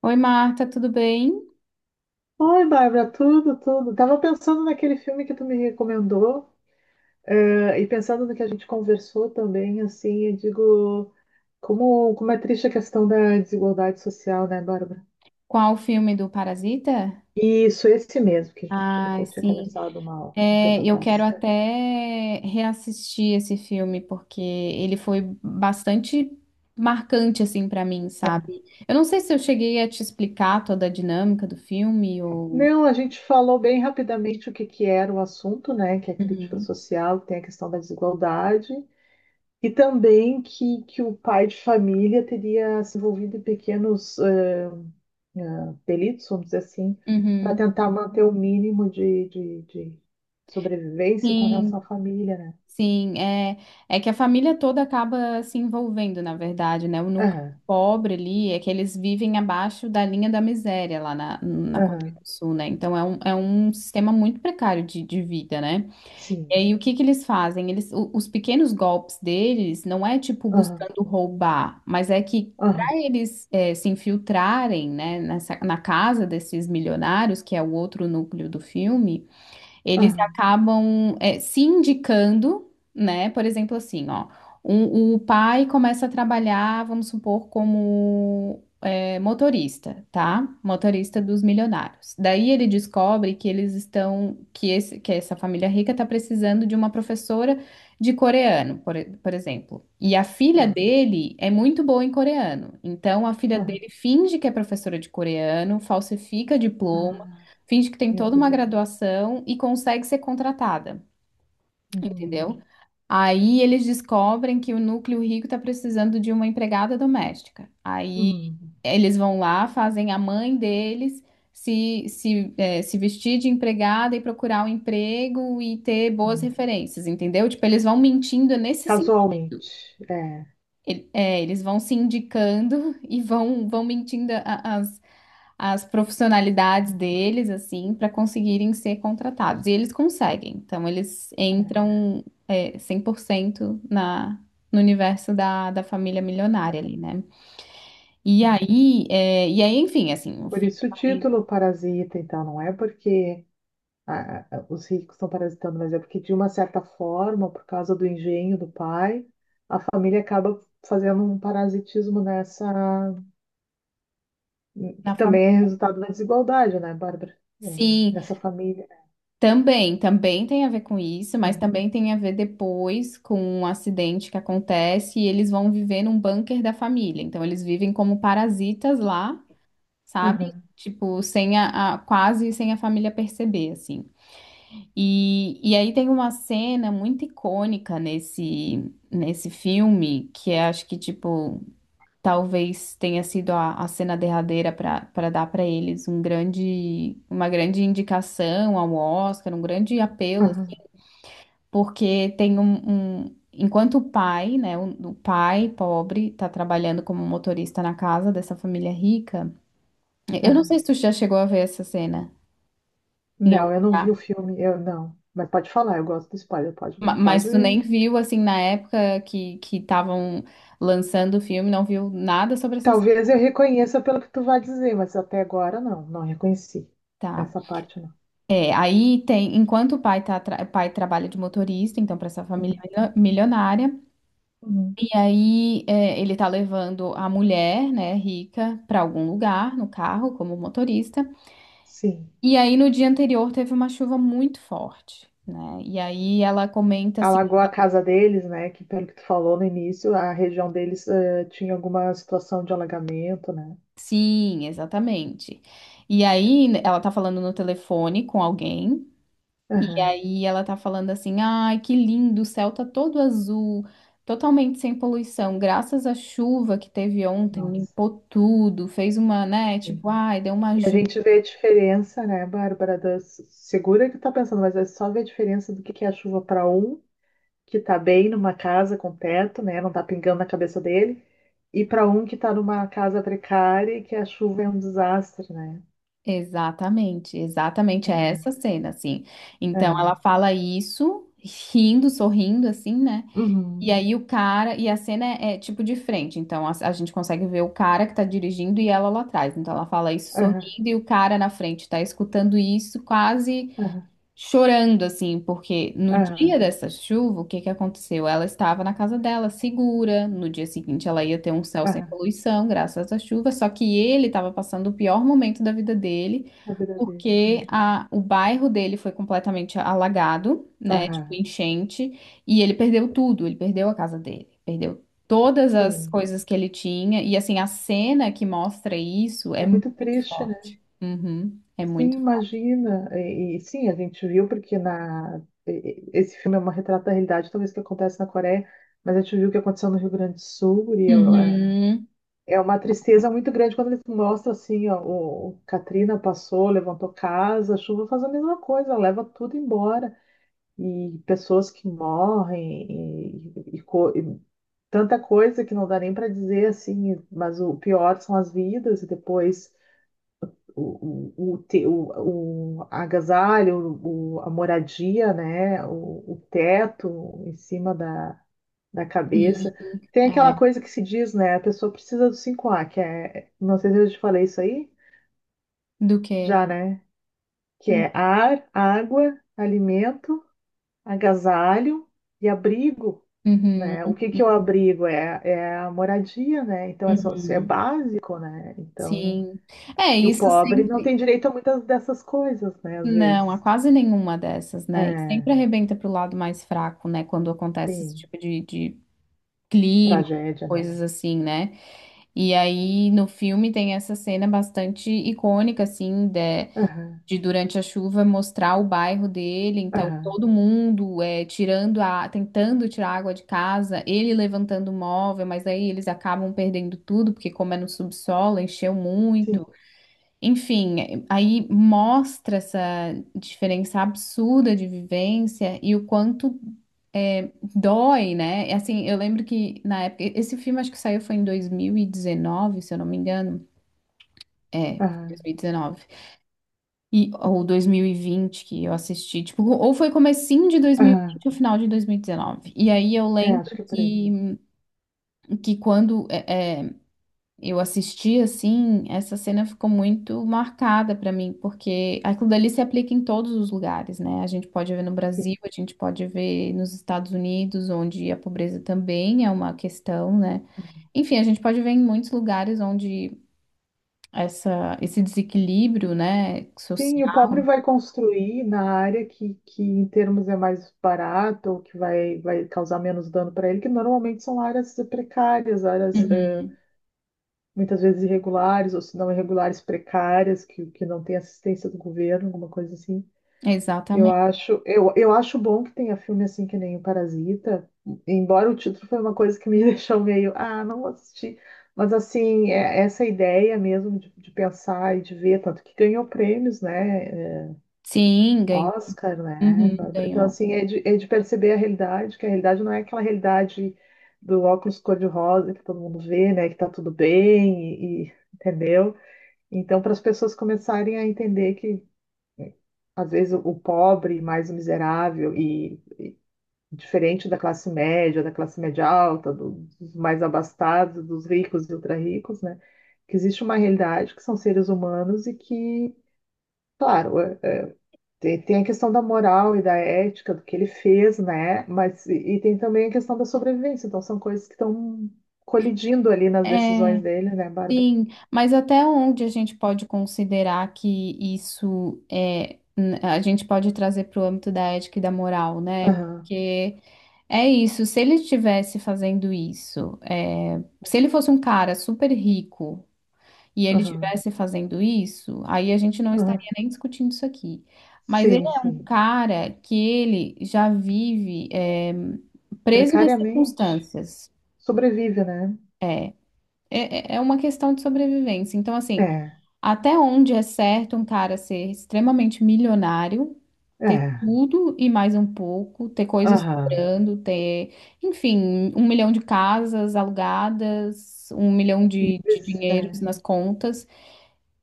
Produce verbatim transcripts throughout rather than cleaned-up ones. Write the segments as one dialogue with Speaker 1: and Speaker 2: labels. Speaker 1: Oi, Marta, tudo bem?
Speaker 2: Oi, Bárbara, tudo, tudo. Tava pensando naquele filme que tu me recomendou, eh, e pensando no que a gente conversou também, assim, eu digo, como, como é triste a questão da desigualdade social, né, Bárbara?
Speaker 1: Qual o filme do Parasita?
Speaker 2: E Isso, esse mesmo, que a gente,
Speaker 1: Ah,
Speaker 2: eu tinha
Speaker 1: sim.
Speaker 2: conversado uma- um tempo
Speaker 1: É, eu
Speaker 2: atrás.
Speaker 1: quero até reassistir esse filme porque ele foi bastante marcante assim para mim,
Speaker 2: Ah.
Speaker 1: sabe? Eu não sei se eu cheguei a te explicar toda a dinâmica do filme ou.
Speaker 2: Não, a gente falou bem rapidamente o que que era o assunto, né, que é crítica
Speaker 1: Uhum.
Speaker 2: social, que tem a questão da desigualdade, e também que, que o pai de família teria se envolvido em pequenos eh, eh, delitos, vamos dizer assim, para
Speaker 1: Uhum.
Speaker 2: tentar manter o mínimo de, de, de sobrevivência com
Speaker 1: Sim,
Speaker 2: relação à família, né?
Speaker 1: sim, é, é que a família toda acaba se envolvendo, na verdade, né? O núcleo
Speaker 2: Aham,
Speaker 1: pobre ali é que eles vivem abaixo da linha da miséria lá na, na Coreia
Speaker 2: aham,
Speaker 1: do Sul, né? Então é um, é um sistema muito precário de, de vida, né? E
Speaker 2: sim,
Speaker 1: aí o que que eles fazem? Eles, o- os pequenos golpes deles não é tipo
Speaker 2: aham,
Speaker 1: buscando roubar, mas é que
Speaker 2: aham,
Speaker 1: para eles é, se infiltrarem, né, nessa, na casa desses milionários, que é o outro núcleo do filme. Eles
Speaker 2: aham,
Speaker 1: acabam é, se indicando, né? Por exemplo, assim, ó, um- o pai começa a trabalhar, vamos supor, como é, motorista, tá? Motorista dos milionários. Daí ele descobre que eles estão, que esse, que essa família rica está precisando de uma professora de coreano, por, e- por exemplo. E a filha
Speaker 2: aham,
Speaker 1: dele é muito boa em coreano. Então a filha
Speaker 2: aham.
Speaker 1: dele finge que é professora de coreano, falsifica diploma,
Speaker 2: Ah,
Speaker 1: finge que tem
Speaker 2: meu
Speaker 1: toda uma
Speaker 2: Deus.
Speaker 1: graduação e consegue ser contratada,
Speaker 2: Hum,
Speaker 1: entendeu? Aí eles descobrem que o núcleo rico está precisando de uma empregada doméstica. Aí
Speaker 2: hum,
Speaker 1: eles vão lá, fazem a mãe deles se, se, é, se vestir de empregada e procurar um emprego e ter boas
Speaker 2: hum.
Speaker 1: referências, entendeu? Tipo, eles vão mentindo nesse sentido.
Speaker 2: Casualmente, é.
Speaker 1: É, eles vão se indicando e vão, vão mentindo a- as, as profissionalidades deles, assim, para conseguirem ser contratados. E eles conseguem. Então, eles entram, é, cem por cento na, no universo da, da família milionária ali, né? E
Speaker 2: É.
Speaker 1: aí, é, e aí, enfim, assim, o
Speaker 2: Por
Speaker 1: filme
Speaker 2: isso o
Speaker 1: vai.
Speaker 2: título Parasita, então, não é porque a- a- os ricos estão parasitando, mas é porque, de uma certa forma, por causa do engenho do pai, a família acaba fazendo um parasitismo nessa,
Speaker 1: Na
Speaker 2: que também é
Speaker 1: família.
Speaker 2: resultado da desigualdade, né, Bárbara? É,
Speaker 1: Sim,
Speaker 2: nessa família.
Speaker 1: também, também tem a ver com isso, mas também tem a ver depois com um acidente que acontece e eles vão viver num bunker da família. Então eles vivem como parasitas lá, sabe?
Speaker 2: Aham,
Speaker 1: Tipo, sem a, a- quase sem a família perceber, assim. E, e aí tem uma cena muito icônica nesse, nesse filme, que é, acho que, tipo, talvez tenha sido a, a cena derradeira para para dar para eles um grande, uma grande indicação ao Oscar, um grande apelo, assim,
Speaker 2: aham,
Speaker 1: porque tem um, um- enquanto o pai, né, o, o pai pobre está trabalhando como motorista na casa dessa família rica. Eu não
Speaker 2: aham.
Speaker 1: sei se tu já chegou a ver essa cena em
Speaker 2: Não,
Speaker 1: algum
Speaker 2: eu não vi
Speaker 1: lugar,
Speaker 2: o filme, eu não. Mas pode falar, eu gosto do spoiler, pode,
Speaker 1: ma-
Speaker 2: pode.
Speaker 1: mas tu nem viu assim na época que que estavam lançando o filme, não viu nada sobre essa cena.
Speaker 2: Talvez eu reconheça pelo que tu vai dizer, mas até agora não, não reconheci
Speaker 1: Tá.
Speaker 2: essa parte não.
Speaker 1: É, aí tem, enquanto o pai, tá, tra- o pai trabalha de motorista, então para essa família
Speaker 2: Uhum,
Speaker 1: milio- milionária,
Speaker 2: uhum.
Speaker 1: e aí é, ele tá levando a mulher, né, rica, para algum lugar no carro como motorista.
Speaker 2: Sim.
Speaker 1: E aí no dia anterior teve uma chuva muito forte, né? E aí ela comenta assim.
Speaker 2: alagou a casa deles, né? Que pelo que tu falou no início, a região deles eh, tinha alguma situação de alagamento, né?
Speaker 1: Sim, exatamente. E aí ela tá falando no telefone com alguém. E
Speaker 2: Aham.
Speaker 1: aí ela tá falando assim: ai, que lindo, o céu tá todo azul, totalmente sem poluição, graças à chuva que teve ontem,
Speaker 2: Nossa,
Speaker 1: limpou tudo, fez uma, né,
Speaker 2: sim.
Speaker 1: tipo, ai, deu uma
Speaker 2: E a
Speaker 1: ajuda.
Speaker 2: gente vê a diferença, né, Bárbara, das... segura que tá pensando, mas é só ver a diferença do que que é a chuva para um que tá bem numa casa com teto, né? Não tá pingando na cabeça dele, e para um que tá numa casa precária e que a chuva é um desastre, né?
Speaker 1: Exatamente, exatamente, é essa
Speaker 2: É,
Speaker 1: cena, assim. Então ela
Speaker 2: aham.
Speaker 1: fala isso, rindo, sorrindo, assim, né? E
Speaker 2: Uhum.
Speaker 1: aí o cara, e a cena é, é, tipo de frente, então a, a gente consegue ver o cara que tá dirigindo e ela lá atrás. Então ela fala isso
Speaker 2: Aham,
Speaker 1: sorrindo e o cara na frente tá escutando isso quase
Speaker 2: aham,
Speaker 1: chorando assim, porque no
Speaker 2: aham,
Speaker 1: dia dessa chuva, o que que aconteceu? Ela estava na casa dela, segura. No dia seguinte, ela ia ter um céu sem
Speaker 2: aham.
Speaker 1: poluição, graças à chuva. Só que ele estava passando o pior momento da vida dele,
Speaker 2: A vida dele,
Speaker 1: porque
Speaker 2: imagina.
Speaker 1: a, o bairro dele foi completamente alagado, né? Tipo,
Speaker 2: Aham.
Speaker 1: enchente, e ele perdeu tudo. Ele perdeu a casa dele, perdeu todas as
Speaker 2: Sim,
Speaker 1: coisas que ele tinha. E assim, a cena que mostra isso é
Speaker 2: é
Speaker 1: muito
Speaker 2: muito triste, né?
Speaker 1: forte. Uhum, é
Speaker 2: Sim,
Speaker 1: muito forte.
Speaker 2: imagina. E, e sim, a gente viu porque na e- e- esse filme é uma retrata da realidade, talvez que acontece na Coreia, mas a gente viu o que aconteceu no Rio Grande do Sul e eu- é,
Speaker 1: Uhum.
Speaker 2: é uma tristeza muito grande quando eles mostram assim, ó, o, o Katrina passou, levantou casa, a chuva faz a mesma coisa, leva tudo embora e pessoas que morrem e, e co- e tanta coisa que não dá nem para dizer assim, mas o pior são as vidas e depois o, o, o, te- o, o agasalho, o, a moradia, né? O, o teto em cima da, da
Speaker 1: Sim,
Speaker 2: cabeça. Tem
Speaker 1: é.
Speaker 2: aquela coisa que se diz, né? A pessoa precisa do cinco a que é, não sei se eu te falei isso aí,
Speaker 1: Do que?
Speaker 2: já, né? Que é ar, água, alimento, agasalho e abrigo.
Speaker 1: Uhum,
Speaker 2: Né? O que que é o abrigo? É, é a moradia, né? Então, é, só- é
Speaker 1: uhum,
Speaker 2: básico, né? Então,
Speaker 1: sim. É,
Speaker 2: e o
Speaker 1: isso
Speaker 2: pobre não
Speaker 1: sempre.
Speaker 2: tem direito a muitas dessas coisas, né? Às
Speaker 1: Não, há
Speaker 2: vezes.
Speaker 1: quase nenhuma dessas, né? E sempre
Speaker 2: É,
Speaker 1: arrebenta pro lado mais fraco, né? Quando acontece esse
Speaker 2: sim.
Speaker 1: tipo de, de clima,
Speaker 2: Tragédia, né?
Speaker 1: coisas assim, né? E aí no filme tem essa cena bastante icônica, assim, de
Speaker 2: Aham,
Speaker 1: durante a chuva mostrar o bairro dele, então
Speaker 2: aham,
Speaker 1: todo mundo é, tirando a, tentando tirar a água de casa, ele levantando o móvel, mas aí eles acabam perdendo tudo, porque como é no subsolo, encheu
Speaker 2: sim,
Speaker 1: muito. Enfim, é, aí mostra essa diferença absurda de vivência e o quanto é, dói, né? E, assim, eu lembro que na época, esse filme acho que saiu foi em dois mil e dezenove, se eu não me engano. É,
Speaker 2: aham,
Speaker 1: dois mil e dezenove. E, ou dois mil e vinte que eu assisti, tipo, ou foi comecinho de
Speaker 2: aham.
Speaker 1: dois mil e vinte ou final de dois mil e dezenove. E dezenove. E aí eu
Speaker 2: É, acho
Speaker 1: lembro
Speaker 2: que é por aí.
Speaker 1: que, que quando é, é, eu assisti, assim, essa cena ficou muito marcada pra mim, porque aquilo dali se aplica em todos os lugares, né? A gente pode ver no
Speaker 2: Sim.
Speaker 1: Brasil, a gente pode ver nos Estados Unidos, onde a pobreza também é uma questão, né? Enfim, a gente pode ver em muitos lugares onde essa, esse desequilíbrio, né,
Speaker 2: Sim,
Speaker 1: social.
Speaker 2: e o pobre vai construir na área que, que em termos é mais barato, ou que vai, vai causar menos dano para ele, que normalmente são áreas precárias, áreas eh,
Speaker 1: Uhum.
Speaker 2: muitas vezes irregulares, ou se não irregulares, precárias, que, que não tem assistência do governo, alguma coisa assim. Eu
Speaker 1: Exatamente.
Speaker 2: acho, eu, eu acho bom que tenha filme assim que nem o Parasita, embora o título foi uma coisa que me deixou meio, ah, não vou assistir. Mas assim, é essa ideia mesmo de, de pensar e de ver, tanto que ganhou prêmios, né? é,
Speaker 1: Sim, ganhou.
Speaker 2: Oscar, né,
Speaker 1: Uhum,
Speaker 2: Bárbara? Então,
Speaker 1: ganhou.
Speaker 2: assim, é de, é de perceber a realidade, que a realidade não é aquela realidade do óculos cor-de-rosa que todo mundo vê, né? Que tá tudo bem, e, e- entendeu? Então, para as pessoas começarem a entender que às vezes o o pobre mais o miserável e diferente da classe média, da classe média alta, do- dos mais abastados, dos ricos e ultra-ricos, né? Que existe uma realidade que são seres humanos e que, claro, é- é- tem, tem a questão da moral e da ética, do que ele fez, né? Mas e, e tem também a questão da sobrevivência. Então são coisas que estão colidindo ali nas
Speaker 1: É,
Speaker 2: decisões dele, né, Bárbara?
Speaker 1: sim, mas até onde a gente pode considerar que isso é, n- a gente pode trazer para o âmbito da ética e da moral, né?
Speaker 2: Aham,
Speaker 1: Porque é isso, se ele estivesse fazendo isso, é, se ele fosse um cara super rico e ele
Speaker 2: aham,
Speaker 1: estivesse fazendo isso, aí a gente não estaria
Speaker 2: aham.
Speaker 1: nem discutindo isso aqui. Mas ele
Speaker 2: Sim,
Speaker 1: é um
Speaker 2: sim.
Speaker 1: cara que ele já vive, é, preso nas
Speaker 2: Precariamente
Speaker 1: circunstâncias.
Speaker 2: sobrevive, né?
Speaker 1: É, é é uma questão de sobrevivência. Então, assim,
Speaker 2: É,
Speaker 1: até onde é certo um cara ser extremamente milionário, ter
Speaker 2: é.
Speaker 1: tudo e mais um pouco, ter coisas
Speaker 2: Aham.
Speaker 1: sobrando, ter, enfim, um milhão de casas alugadas, um milhão
Speaker 2: E,
Speaker 1: de, de dinheiros
Speaker 2: é.
Speaker 1: nas contas.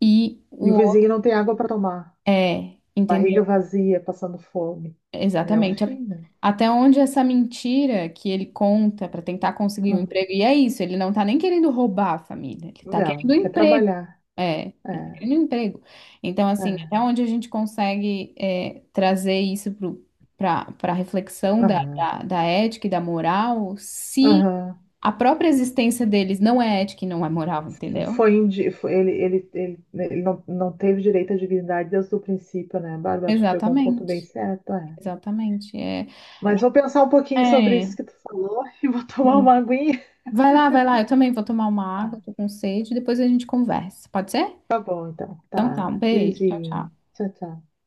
Speaker 1: E
Speaker 2: E o
Speaker 1: o.
Speaker 2: vizinho não tem água para tomar.
Speaker 1: É, entendeu?
Speaker 2: Barriga vazia, passando fome. É o
Speaker 1: Exatamente. A-
Speaker 2: fim, né?
Speaker 1: Até onde essa mentira que ele conta para tentar conseguir um
Speaker 2: Ah,
Speaker 1: emprego. E é isso, ele não tá nem querendo roubar a família, ele tá querendo um
Speaker 2: Não, quer
Speaker 1: emprego.
Speaker 2: trabalhar.
Speaker 1: É, ele quer
Speaker 2: É,
Speaker 1: um emprego. Então, assim, até
Speaker 2: é,
Speaker 1: onde a gente consegue é, trazer isso para para reflexão da,
Speaker 2: aham,
Speaker 1: da, da ética e da moral, se
Speaker 2: aham.
Speaker 1: a própria existência deles não é ética e não é moral, entendeu?
Speaker 2: Foi, indi- foi- ele, ele, ele, ele não, não teve direito à dignidade desde o princípio, né, Bárbara? Acho que pegou um ponto
Speaker 1: Exatamente,
Speaker 2: bem certo, é.
Speaker 1: exatamente. É,
Speaker 2: Mas vou pensar um pouquinho sobre
Speaker 1: é,
Speaker 2: isso que tu falou e vou tomar
Speaker 1: sim.
Speaker 2: uma aguinha.
Speaker 1: Vai lá, vai lá, eu também vou tomar uma água,
Speaker 2: Tá,
Speaker 1: tô com sede, depois a gente conversa, pode ser?
Speaker 2: tá bom, então.
Speaker 1: Então tá,
Speaker 2: Tá.
Speaker 1: um beijo, tchau, tchau.
Speaker 2: Beijinho. Tchau, tchau.